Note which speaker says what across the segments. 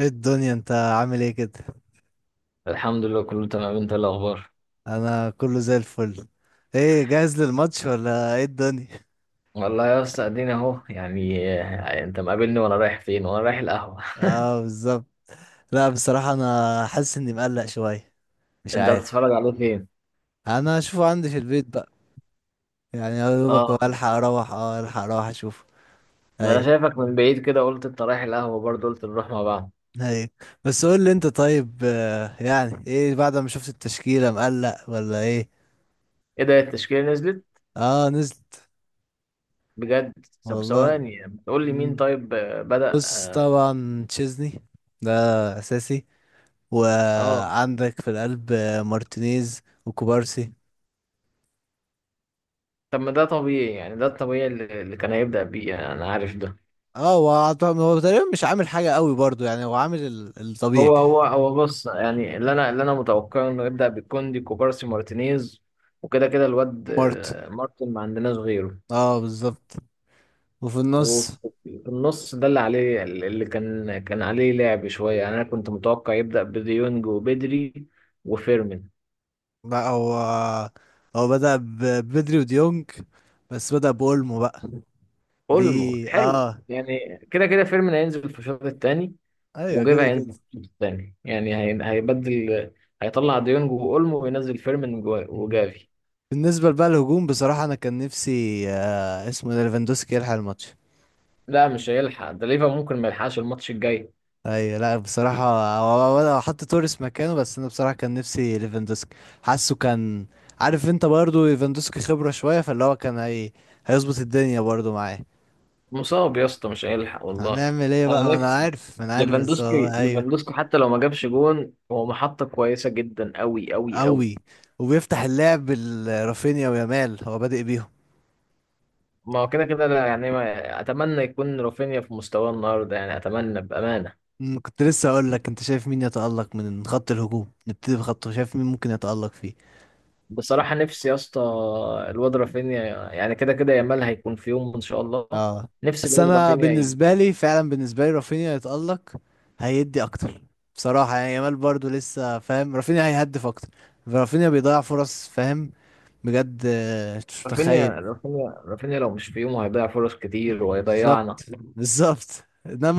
Speaker 1: ايه الدنيا؟ انت عامل ايه كده؟
Speaker 2: الحمد لله كله تمام. انت ايه الاخبار؟
Speaker 1: انا كله زي الفل. ايه، جاهز للماتش ولا ايه الدنيا؟
Speaker 2: والله يا اسطى ادينا اهو يعني انت مقابلني وانا رايح فين، وانا رايح القهوه.
Speaker 1: اه بالظبط. لا بصراحة انا حاسس اني مقلق شوية. مش
Speaker 2: انت
Speaker 1: عارف.
Speaker 2: هتتفرج عليه فين؟
Speaker 1: انا هشوفه عندي في البيت بقى. يعني يا دوبك هو
Speaker 2: اه،
Speaker 1: الحق اروح، اه، الحق اروح اشوفه.
Speaker 2: ده انا
Speaker 1: اي،
Speaker 2: شايفك من بعيد كده، قلت انت رايح القهوه برضه، قلت نروح مع بعض.
Speaker 1: اي. بس قول لي انت، طيب، يعني ايه بعد ما شفت التشكيلة؟ مقلق ولا ايه؟
Speaker 2: ايه ده، التشكيله نزلت؟
Speaker 1: اه نزلت.
Speaker 2: بجد؟ طب
Speaker 1: والله.
Speaker 2: ثواني، بتقول لي مين؟
Speaker 1: مم.
Speaker 2: طيب بدأ
Speaker 1: بص،
Speaker 2: اه.
Speaker 1: طبعا تشيزني ده اساسي،
Speaker 2: آه.
Speaker 1: وعندك في القلب مارتينيز وكوبارسي.
Speaker 2: طب ما ده طبيعي، يعني ده الطبيعي اللي كان هيبدأ بيه، يعني انا عارف ده.
Speaker 1: اه، هو هو تقريبا مش عامل حاجة قوي برضو. يعني هو عامل الطبيعي.
Speaker 2: هو بص، يعني اللي انا متوقعه انه يبدا بالكوندي كوبارسي مارتينيز، وكده كده الواد
Speaker 1: مارت،
Speaker 2: مارتن ما عندناش غيره.
Speaker 1: اه بالظبط. وفي
Speaker 2: وفي
Speaker 1: النص
Speaker 2: النص ده اللي عليه، اللي كان عليه لعب شويه، يعني انا كنت متوقع يبدا بديونج وبدري وفيرمين.
Speaker 1: بقى، هو بدأ بدري وديونج، بس بدأ بأولمو بقى.
Speaker 2: اولمو
Speaker 1: دي،
Speaker 2: حلو،
Speaker 1: اه
Speaker 2: يعني كده كده فيرمين هينزل في الشوط الثاني،
Speaker 1: ايوه
Speaker 2: وجافي
Speaker 1: كده كده.
Speaker 2: هينزل في الشوط الثاني، يعني هيبدل، هيطلع ديونج واولمو وينزل فيرمين
Speaker 1: مم.
Speaker 2: وجافي.
Speaker 1: بالنسبة بقى للهجوم، بصراحة انا كان نفسي، اسمه إيه ده، ليفاندوسكي يلحق الماتش.
Speaker 2: لا مش هيلحق، ده ليفا ممكن ما يلحقش الماتش الجاي.
Speaker 1: ايوه، لا بصراحة هو- هو انا حط توريس مكانه، بس انا بصراحة كان نفسي ليفاندوسكي، حاسه كان، عارف انت، برضو ليفاندوسكي خبرة شوية، فاللي هو كان هيظبط الدنيا برضو معاه.
Speaker 2: مصاب يا اسطى، مش هيلحق والله.
Speaker 1: هنعمل ايه
Speaker 2: انا
Speaker 1: بقى؟ ما انا
Speaker 2: نفسي
Speaker 1: عارف، ما انا عارف، بس
Speaker 2: ليفاندوسكي،
Speaker 1: والله ايوه.
Speaker 2: ليفاندوسكي حتى لو ما جابش جون هو محطة كويسة جدا، قوي قوي قوي.
Speaker 1: قوي، وبيفتح اللعب رافينيا ويامال هو بادئ بيهم.
Speaker 2: ما هو كده كده لا يعني، ما اتمنى يكون رافينيا في مستواه النهارده، يعني اتمنى بأمانة.
Speaker 1: كنت لسه اقول لك، انت شايف مين يتألق من خط الهجوم؟ نبتدي بخطه، شايف مين ممكن يتألق فيه.
Speaker 2: بصراحة نفسي يا اسطى الواد رافينيا، يعني كده كده يامال هيكون في يوم ان شاء الله.
Speaker 1: اه،
Speaker 2: نفسي
Speaker 1: بس
Speaker 2: الواد
Speaker 1: انا
Speaker 2: رافينيا
Speaker 1: بالنسبه لي فعلا، بالنسبه لي رافينيا يتالق، هيدي اكتر بصراحه. يعني يامال برضو لسه، فاهم؟ رافينيا هيهدف اكتر. رافينيا بيضيع فرص، فاهم؟ بجد، مش
Speaker 2: رافينيا
Speaker 1: متخيل.
Speaker 2: رافينيا رافينيا لو مش في يومه هيضيع فرص كتير
Speaker 1: بالظبط،
Speaker 2: وهيضيعنا.
Speaker 1: بالظبط.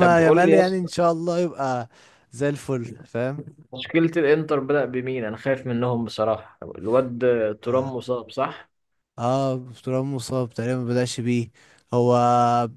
Speaker 2: طب قول
Speaker 1: يامال
Speaker 2: لي يا
Speaker 1: يعني ان
Speaker 2: اسطى،
Speaker 1: شاء الله يبقى زي الفل، فاهم؟
Speaker 2: تشكيلة الانتر بدأ بمين؟ انا خايف منهم بصراحة. الواد
Speaker 1: اه،
Speaker 2: ترام مصاب صح؟
Speaker 1: ترام مصاب تقريبا، ما بدأش بيه. هو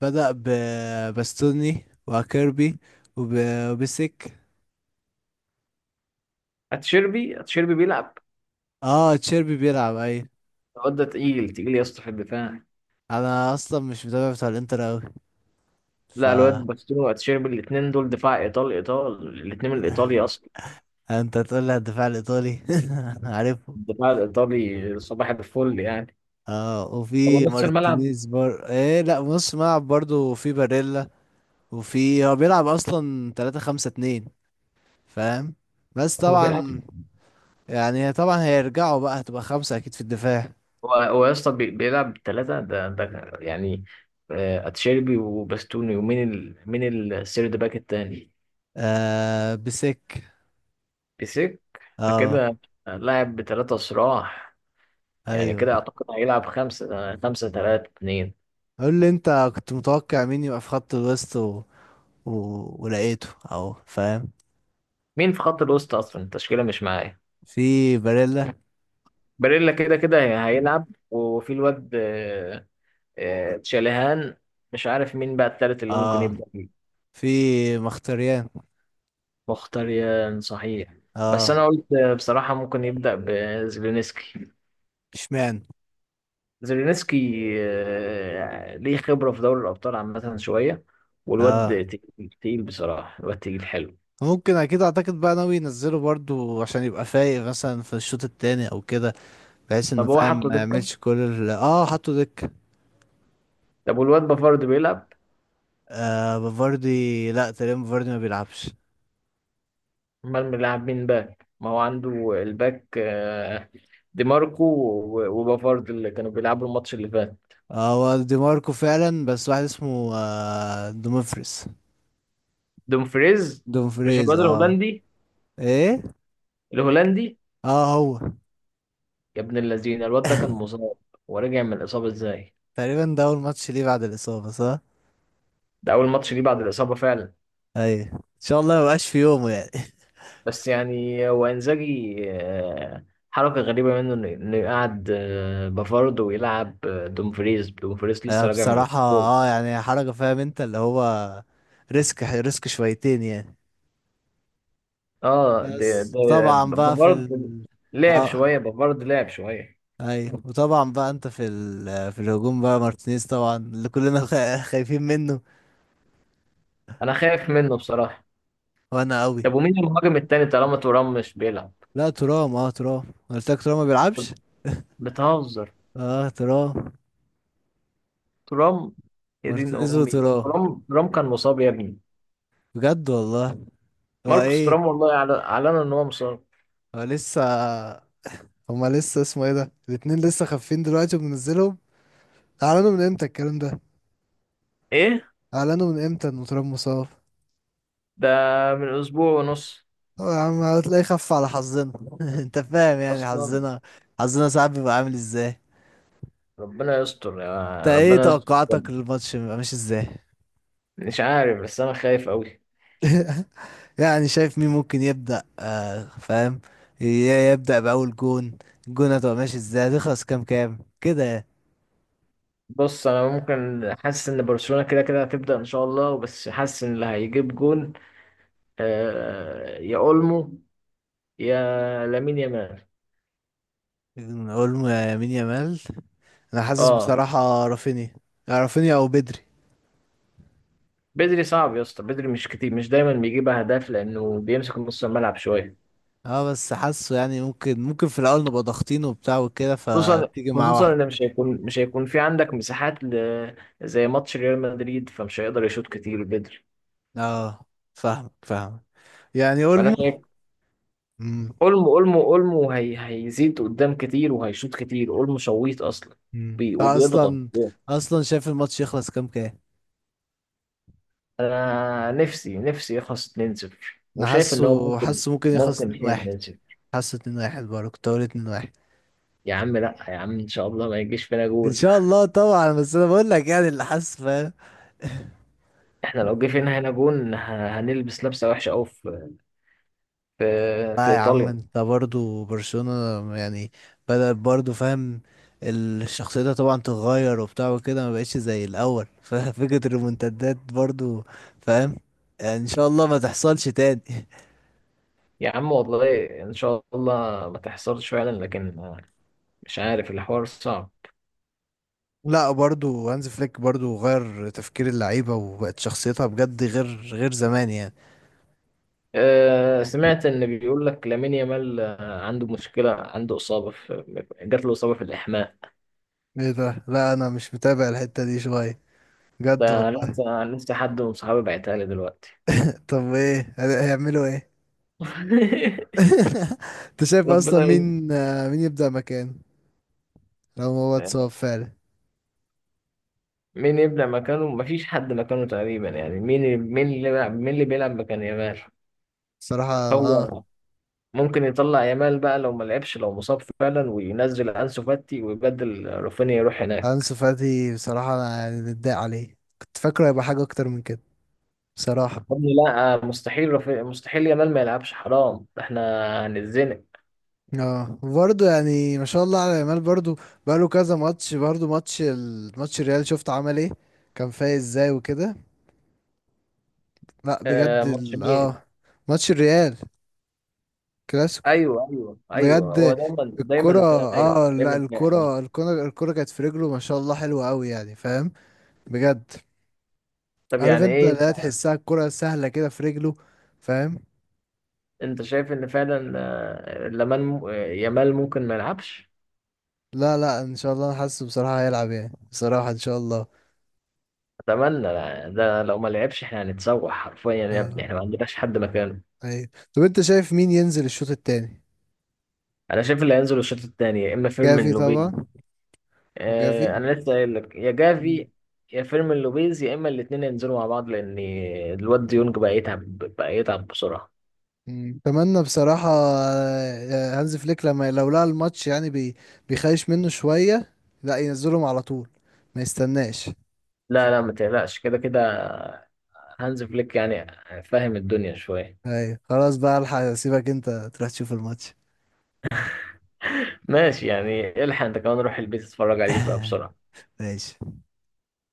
Speaker 1: بدأ بباستوني وكيربي، وب- وبسك.
Speaker 2: اتشيربي بيلعب؟
Speaker 1: اه تشيربي بيلعب، اي.
Speaker 2: الواد ده تقيل تقيل يا اسطى في الدفاع.
Speaker 1: انا اصلا مش متابع بتاع الانتر اوي، ف
Speaker 2: لا الواد باستوني واتشيربي الاثنين دول دفاع ايطالي، الاثنين من الايطالي اصلا.
Speaker 1: انت تقول لي على الدفاع الايطالي؟ أنا عارفه.
Speaker 2: الدفاع الايطالي صباح الفل يعني.
Speaker 1: اه،
Speaker 2: طب
Speaker 1: وفي
Speaker 2: نص الملعب؟
Speaker 1: مارتينيز بار ايه، لا نص ملعب برضه، وفي باريلا، وفي، هو بيلعب اصلا 3 5 2، فاهم؟ بس
Speaker 2: هو بيلعب.
Speaker 1: طبعا، يعني طبعا هيرجعوا بقى، هتبقى خمسة اكيد في الدفاع.
Speaker 2: هو يا اسطى بيلعب ثلاثة، ده يعني اتشيربي وباستوني ومين مين السيرد باك التاني؟
Speaker 1: آه بسك.
Speaker 2: بيسك. ده
Speaker 1: اه
Speaker 2: كده لاعب بثلاثة صراع، يعني كده
Speaker 1: ايوه.
Speaker 2: اعتقد هيلعب خمسة خمسة تلاتة اتنين.
Speaker 1: قول لي انت، كنت متوقع مين يبقى في خط الوسط و... ولقيته اهو، فاهم؟
Speaker 2: مين في خط الوسط اصلا؟ التشكيلة مش معايا.
Speaker 1: في باريلا.
Speaker 2: باريلا كده كده هيلعب، وفي الواد تشاليهان. مش عارف مين بقى التالت اللي ممكن
Speaker 1: اه.
Speaker 2: يبدأ بيه.
Speaker 1: في مختريان.
Speaker 2: مختاريان صحيح، بس
Speaker 1: اه.
Speaker 2: انا قلت بصراحة ممكن يبدأ بزيلينسكي.
Speaker 1: اشمعنى؟
Speaker 2: زيلينسكي ليه خبرة في دوري الابطال عامة شوية،
Speaker 1: اه
Speaker 2: والواد تقيل تقيل بصراحة، الواد تقيل حلو.
Speaker 1: ممكن، اكيد اعتقد بقى ناوي ينزله برضو، عشان يبقى فايق مثلا في الشوط التاني او كده. بحيث انه،
Speaker 2: طب هو
Speaker 1: فاهم،
Speaker 2: حطه
Speaker 1: ما
Speaker 2: دكة؟
Speaker 1: يعملش كل اه حطوا دك.
Speaker 2: طب والواد بافارد بيلعب؟
Speaker 1: آه بفاردي، لا تقريبا بفاردي ما بيلعبش.
Speaker 2: امال بيلعب مين باك ما هو عنده؟ الباك دي ماركو وبافارد اللي كانوا بيلعبوا الماتش اللي فات.
Speaker 1: اه، هو دي ماركو فعلا، بس واحد اسمه دومفريز.
Speaker 2: دومفريز؟ مش
Speaker 1: دومفريز،
Speaker 2: الواد
Speaker 1: اه.
Speaker 2: الهولندي؟
Speaker 1: ايه.
Speaker 2: الهولندي؟
Speaker 1: اه، هو
Speaker 2: يا ابن اللذينه الواد ده كان مصاب، ورجع من الاصابه ازاي؟
Speaker 1: تقريبا ده اول ماتش ليه بعد الاصابة، صح.
Speaker 2: ده اول ماتش ليه بعد الاصابه فعلا.
Speaker 1: ايوه ان شاء الله ما يبقاش في يومه يعني.
Speaker 2: بس يعني هو انزاجي حركه غريبه منه انه يقعد بافارد ويلعب دومفريز. دومفريز لسه راجع من
Speaker 1: بصراحة
Speaker 2: الاصابه.
Speaker 1: اه يعني حركة، فاهم انت اللي هو، ريسك، ريسك شويتين يعني.
Speaker 2: اه ده
Speaker 1: بس
Speaker 2: ده
Speaker 1: وطبعا بقى في
Speaker 2: بافارد
Speaker 1: ال،
Speaker 2: لعب
Speaker 1: اه
Speaker 2: شويه، بافارد لعب شويه.
Speaker 1: ايوه. وطبعا بقى انت في في الهجوم بقى مارتينيز طبعا، اللي كلنا خايفين منه.
Speaker 2: انا خايف منه بصراحه.
Speaker 1: وانا قوي.
Speaker 2: طب ومين المهاجم التاني طالما ترام مش بيلعب؟
Speaker 1: لا ترام، اه ترام قلت لك، ترام ما بيلعبش.
Speaker 2: بتهزر؟
Speaker 1: اه، ترام.
Speaker 2: ترام؟ يا دين
Speaker 1: مارتينيز
Speaker 2: امي،
Speaker 1: وترام،
Speaker 2: ترام، ترام كان مصاب يا ابني.
Speaker 1: بجد والله. هو
Speaker 2: ماركوس
Speaker 1: ايه،
Speaker 2: ترام والله اعلن ان هو مصاب.
Speaker 1: هو لسه، هما لسه اسمه ايه ده، الاتنين لسه خافين دلوقتي وبنزلهم؟ اعلنوا من امتى الكلام ده؟
Speaker 2: ايه
Speaker 1: اعلنوا من امتى ان تراب مصاب؟
Speaker 2: ده! من اسبوع ونص
Speaker 1: هو يا عم هتلاقيه خف على حظنا. انت فاهم يعني
Speaker 2: اصلا.
Speaker 1: حظنا، حظنا ساعات بيبقى عامل ازاي.
Speaker 2: ربنا يستر،
Speaker 1: انت
Speaker 2: يا
Speaker 1: ايه
Speaker 2: ربنا يستر
Speaker 1: توقعاتك
Speaker 2: بجد.
Speaker 1: للماتش؟ بيبقى ماشي ازاي
Speaker 2: مش عارف، بس انا خايف قوي.
Speaker 1: يعني؟ شايف مين ممكن يبدأ، فاهم، ي- يبدأ بأول جون؟ الجون هتبقى ماشي ازاي؟ هتخلص كام كام كده يعني.
Speaker 2: بص انا ممكن حاسس ان برشلونه كده كده هتبدا ان شاء الله، بس حاسس ان اللي هيجيب جون آه يا اولمو يا لامين يامال.
Speaker 1: اولمو، يا يمين يامال. انا حاسس
Speaker 2: اه
Speaker 1: بصراحة رافينيا، يا رافينيا او بدري.
Speaker 2: بدري صعب يا اسطى، بدري مش كتير، مش دايما بيجيب اهداف لانه بيمسك نص الملعب شويه.
Speaker 1: اه بس حاسه يعني، ممكن في الاول نبقى ضاغطين وبتاع وكده،
Speaker 2: خصوصا
Speaker 1: فتيجي معاه
Speaker 2: خصوصا
Speaker 1: واحد.
Speaker 2: ان مش هيكون في عندك مساحات زي ماتش ريال مدريد، فمش هيقدر يشوط كتير بدري.
Speaker 1: اه، فاهمك، فاهمك. يعني
Speaker 2: فانا
Speaker 1: اولمو.
Speaker 2: شايف
Speaker 1: مم.
Speaker 2: اولمو، اولمو هيزيد قدام كتير وهيشوط كتير، اولمو شويط اصلا
Speaker 1: مم.
Speaker 2: وبيضغط.
Speaker 1: اصلا. اصلا شايف الماتش يخلص كام كام؟
Speaker 2: انا نفسي نفسي يخلص 2-0،
Speaker 1: انا
Speaker 2: وشايف ان هو
Speaker 1: حاسه،
Speaker 2: ممكن،
Speaker 1: حاسه ممكن يخلص
Speaker 2: ممكن فيها
Speaker 1: 2-1.
Speaker 2: 2-0.
Speaker 1: حاسه 2-1. برضه كنت هقول 2-1.
Speaker 2: يا عم لا يا عم، ان شاء الله ما يجيش فينا
Speaker 1: ان
Speaker 2: جول.
Speaker 1: شاء الله طبعا، بس انا بقول لك يعني اللي حاسه، فاهم؟
Speaker 2: احنا لو جه فينا هنا جون هنلبس لبسه وحشه قوي في في
Speaker 1: لا يا عم،
Speaker 2: إيطاليا.
Speaker 1: انت برضه برشلونة يعني، بدأت برضه، فاهم؟ الشخصية ده طبعا تتغير وبتاع وكده، ما بقتش زي الاول. ففكرة الريمونتادات برضه، فاهم يعني، ان شاء الله ما تحصلش تاني.
Speaker 2: يا عم والله إن شاء الله ما تحصلش فعلا، لكن مش عارف، الحوار صعب.
Speaker 1: لا برضو هانز فليك برضو غير تفكير اللعيبة، وبقت شخصيتها بجد، غير غير زمان يعني.
Speaker 2: أه سمعت إن بيقول لك لامين يامال عنده مشكلة، عنده إصابة في، جات له إصابة في الإحماء.
Speaker 1: ايه ده؟ لا انا مش متابع الحتة دي شوية، بجد
Speaker 2: ده
Speaker 1: والله.
Speaker 2: لسه لسه حد من صحابي بعتها لي دلوقتي.
Speaker 1: طب ايه، هيعملوا ايه؟ انت شايف اصلا
Speaker 2: ربنا
Speaker 1: مين، مين يبدأ مكان، لو هو اتصاب
Speaker 2: يستر.
Speaker 1: فعلا؟
Speaker 2: مين يبدأ مكانه؟ مفيش حد مكانه تقريبا، يعني مين، مين اللي بيلعب، مين اللي بيلعب مكان يامال؟
Speaker 1: بصراحة اه.
Speaker 2: هو ممكن يطلع يامال بقى لو ما لعبش، لو مصاب فعلا، وينزل انسو فاتي، ويبدل رافينيا يروح هناك.
Speaker 1: انسو فاتي بصراحة انا يعني متضايق عليه، كنت فاكره هيبقى حاجة اكتر من كده، بصراحة.
Speaker 2: يا ابني لا مستحيل مستحيل يامال ما يلعبش، حرام احنا هنتزنق.
Speaker 1: اه برضه، يعني ما شاء الله على يامال برضه. بقاله كذا ماتش برضه، الماتش الريال شفت عمل ايه؟ كان فايق ازاي وكده. لا
Speaker 2: آه
Speaker 1: بجد
Speaker 2: ماتش مين؟
Speaker 1: اه ماتش الريال، كلاسيكو.
Speaker 2: ايوه ايوه ايوه، هو
Speaker 1: بجد
Speaker 2: دايما
Speaker 1: الكرة،
Speaker 2: دايما فايق،
Speaker 1: اه لا،
Speaker 2: دايما فايق
Speaker 1: الكرة
Speaker 2: عامة.
Speaker 1: الكرة الكرة كانت في رجله، ما شاء الله حلوة قوي يعني، فاهم؟ بجد.
Speaker 2: طب
Speaker 1: عارف
Speaker 2: يعني
Speaker 1: انت،
Speaker 2: ايه؟
Speaker 1: لا تحسها الكرة سهلة كده في رجله، فاهم؟
Speaker 2: انت شايف ان فعلا آه، لمان م- آه، يامال ممكن ما يلعبش؟
Speaker 1: لا، لا، ان شاء الله انا حاسه بصراحة هيلعب يعني، بصراحة ان شاء الله.
Speaker 2: اتمنى لا. ده لو ما لعبش احنا هنتسوح حرفيا يا ابني،
Speaker 1: اه
Speaker 2: احنا ما عندناش حد مكانه.
Speaker 1: ايوه. طب انت شايف مين ينزل الشوط التاني؟
Speaker 2: انا شايف اللي هينزل الشوط الثاني يا اما فيرمين
Speaker 1: جافي
Speaker 2: لوبيل،
Speaker 1: طبعا. وجافي.
Speaker 2: انا لسه قايل لك يا
Speaker 1: مم.
Speaker 2: جافي، يا فيرمين لوبيز، يا اما الاثنين ينزلوا مع بعض، لان الواد ديونج بقى يتعب، بقى يتعب بسرعه.
Speaker 1: مم. اتمنى بصراحة، هانز فليك لما لو لقى الماتش يعني، بيخايش منه شوية، لا ينزلهم على طول، ما يستناش.
Speaker 2: لا ما تقلقش، كده كده هانز فليك يعني فاهم الدنيا شويه.
Speaker 1: ايوه خلاص بقى، الحق اسيبك انت تروح تشوف الماتش.
Speaker 2: ماشي، يعني الحق انت كمان روح البيت اتفرج عليه بقى بسرعه.
Speaker 1: ماشي.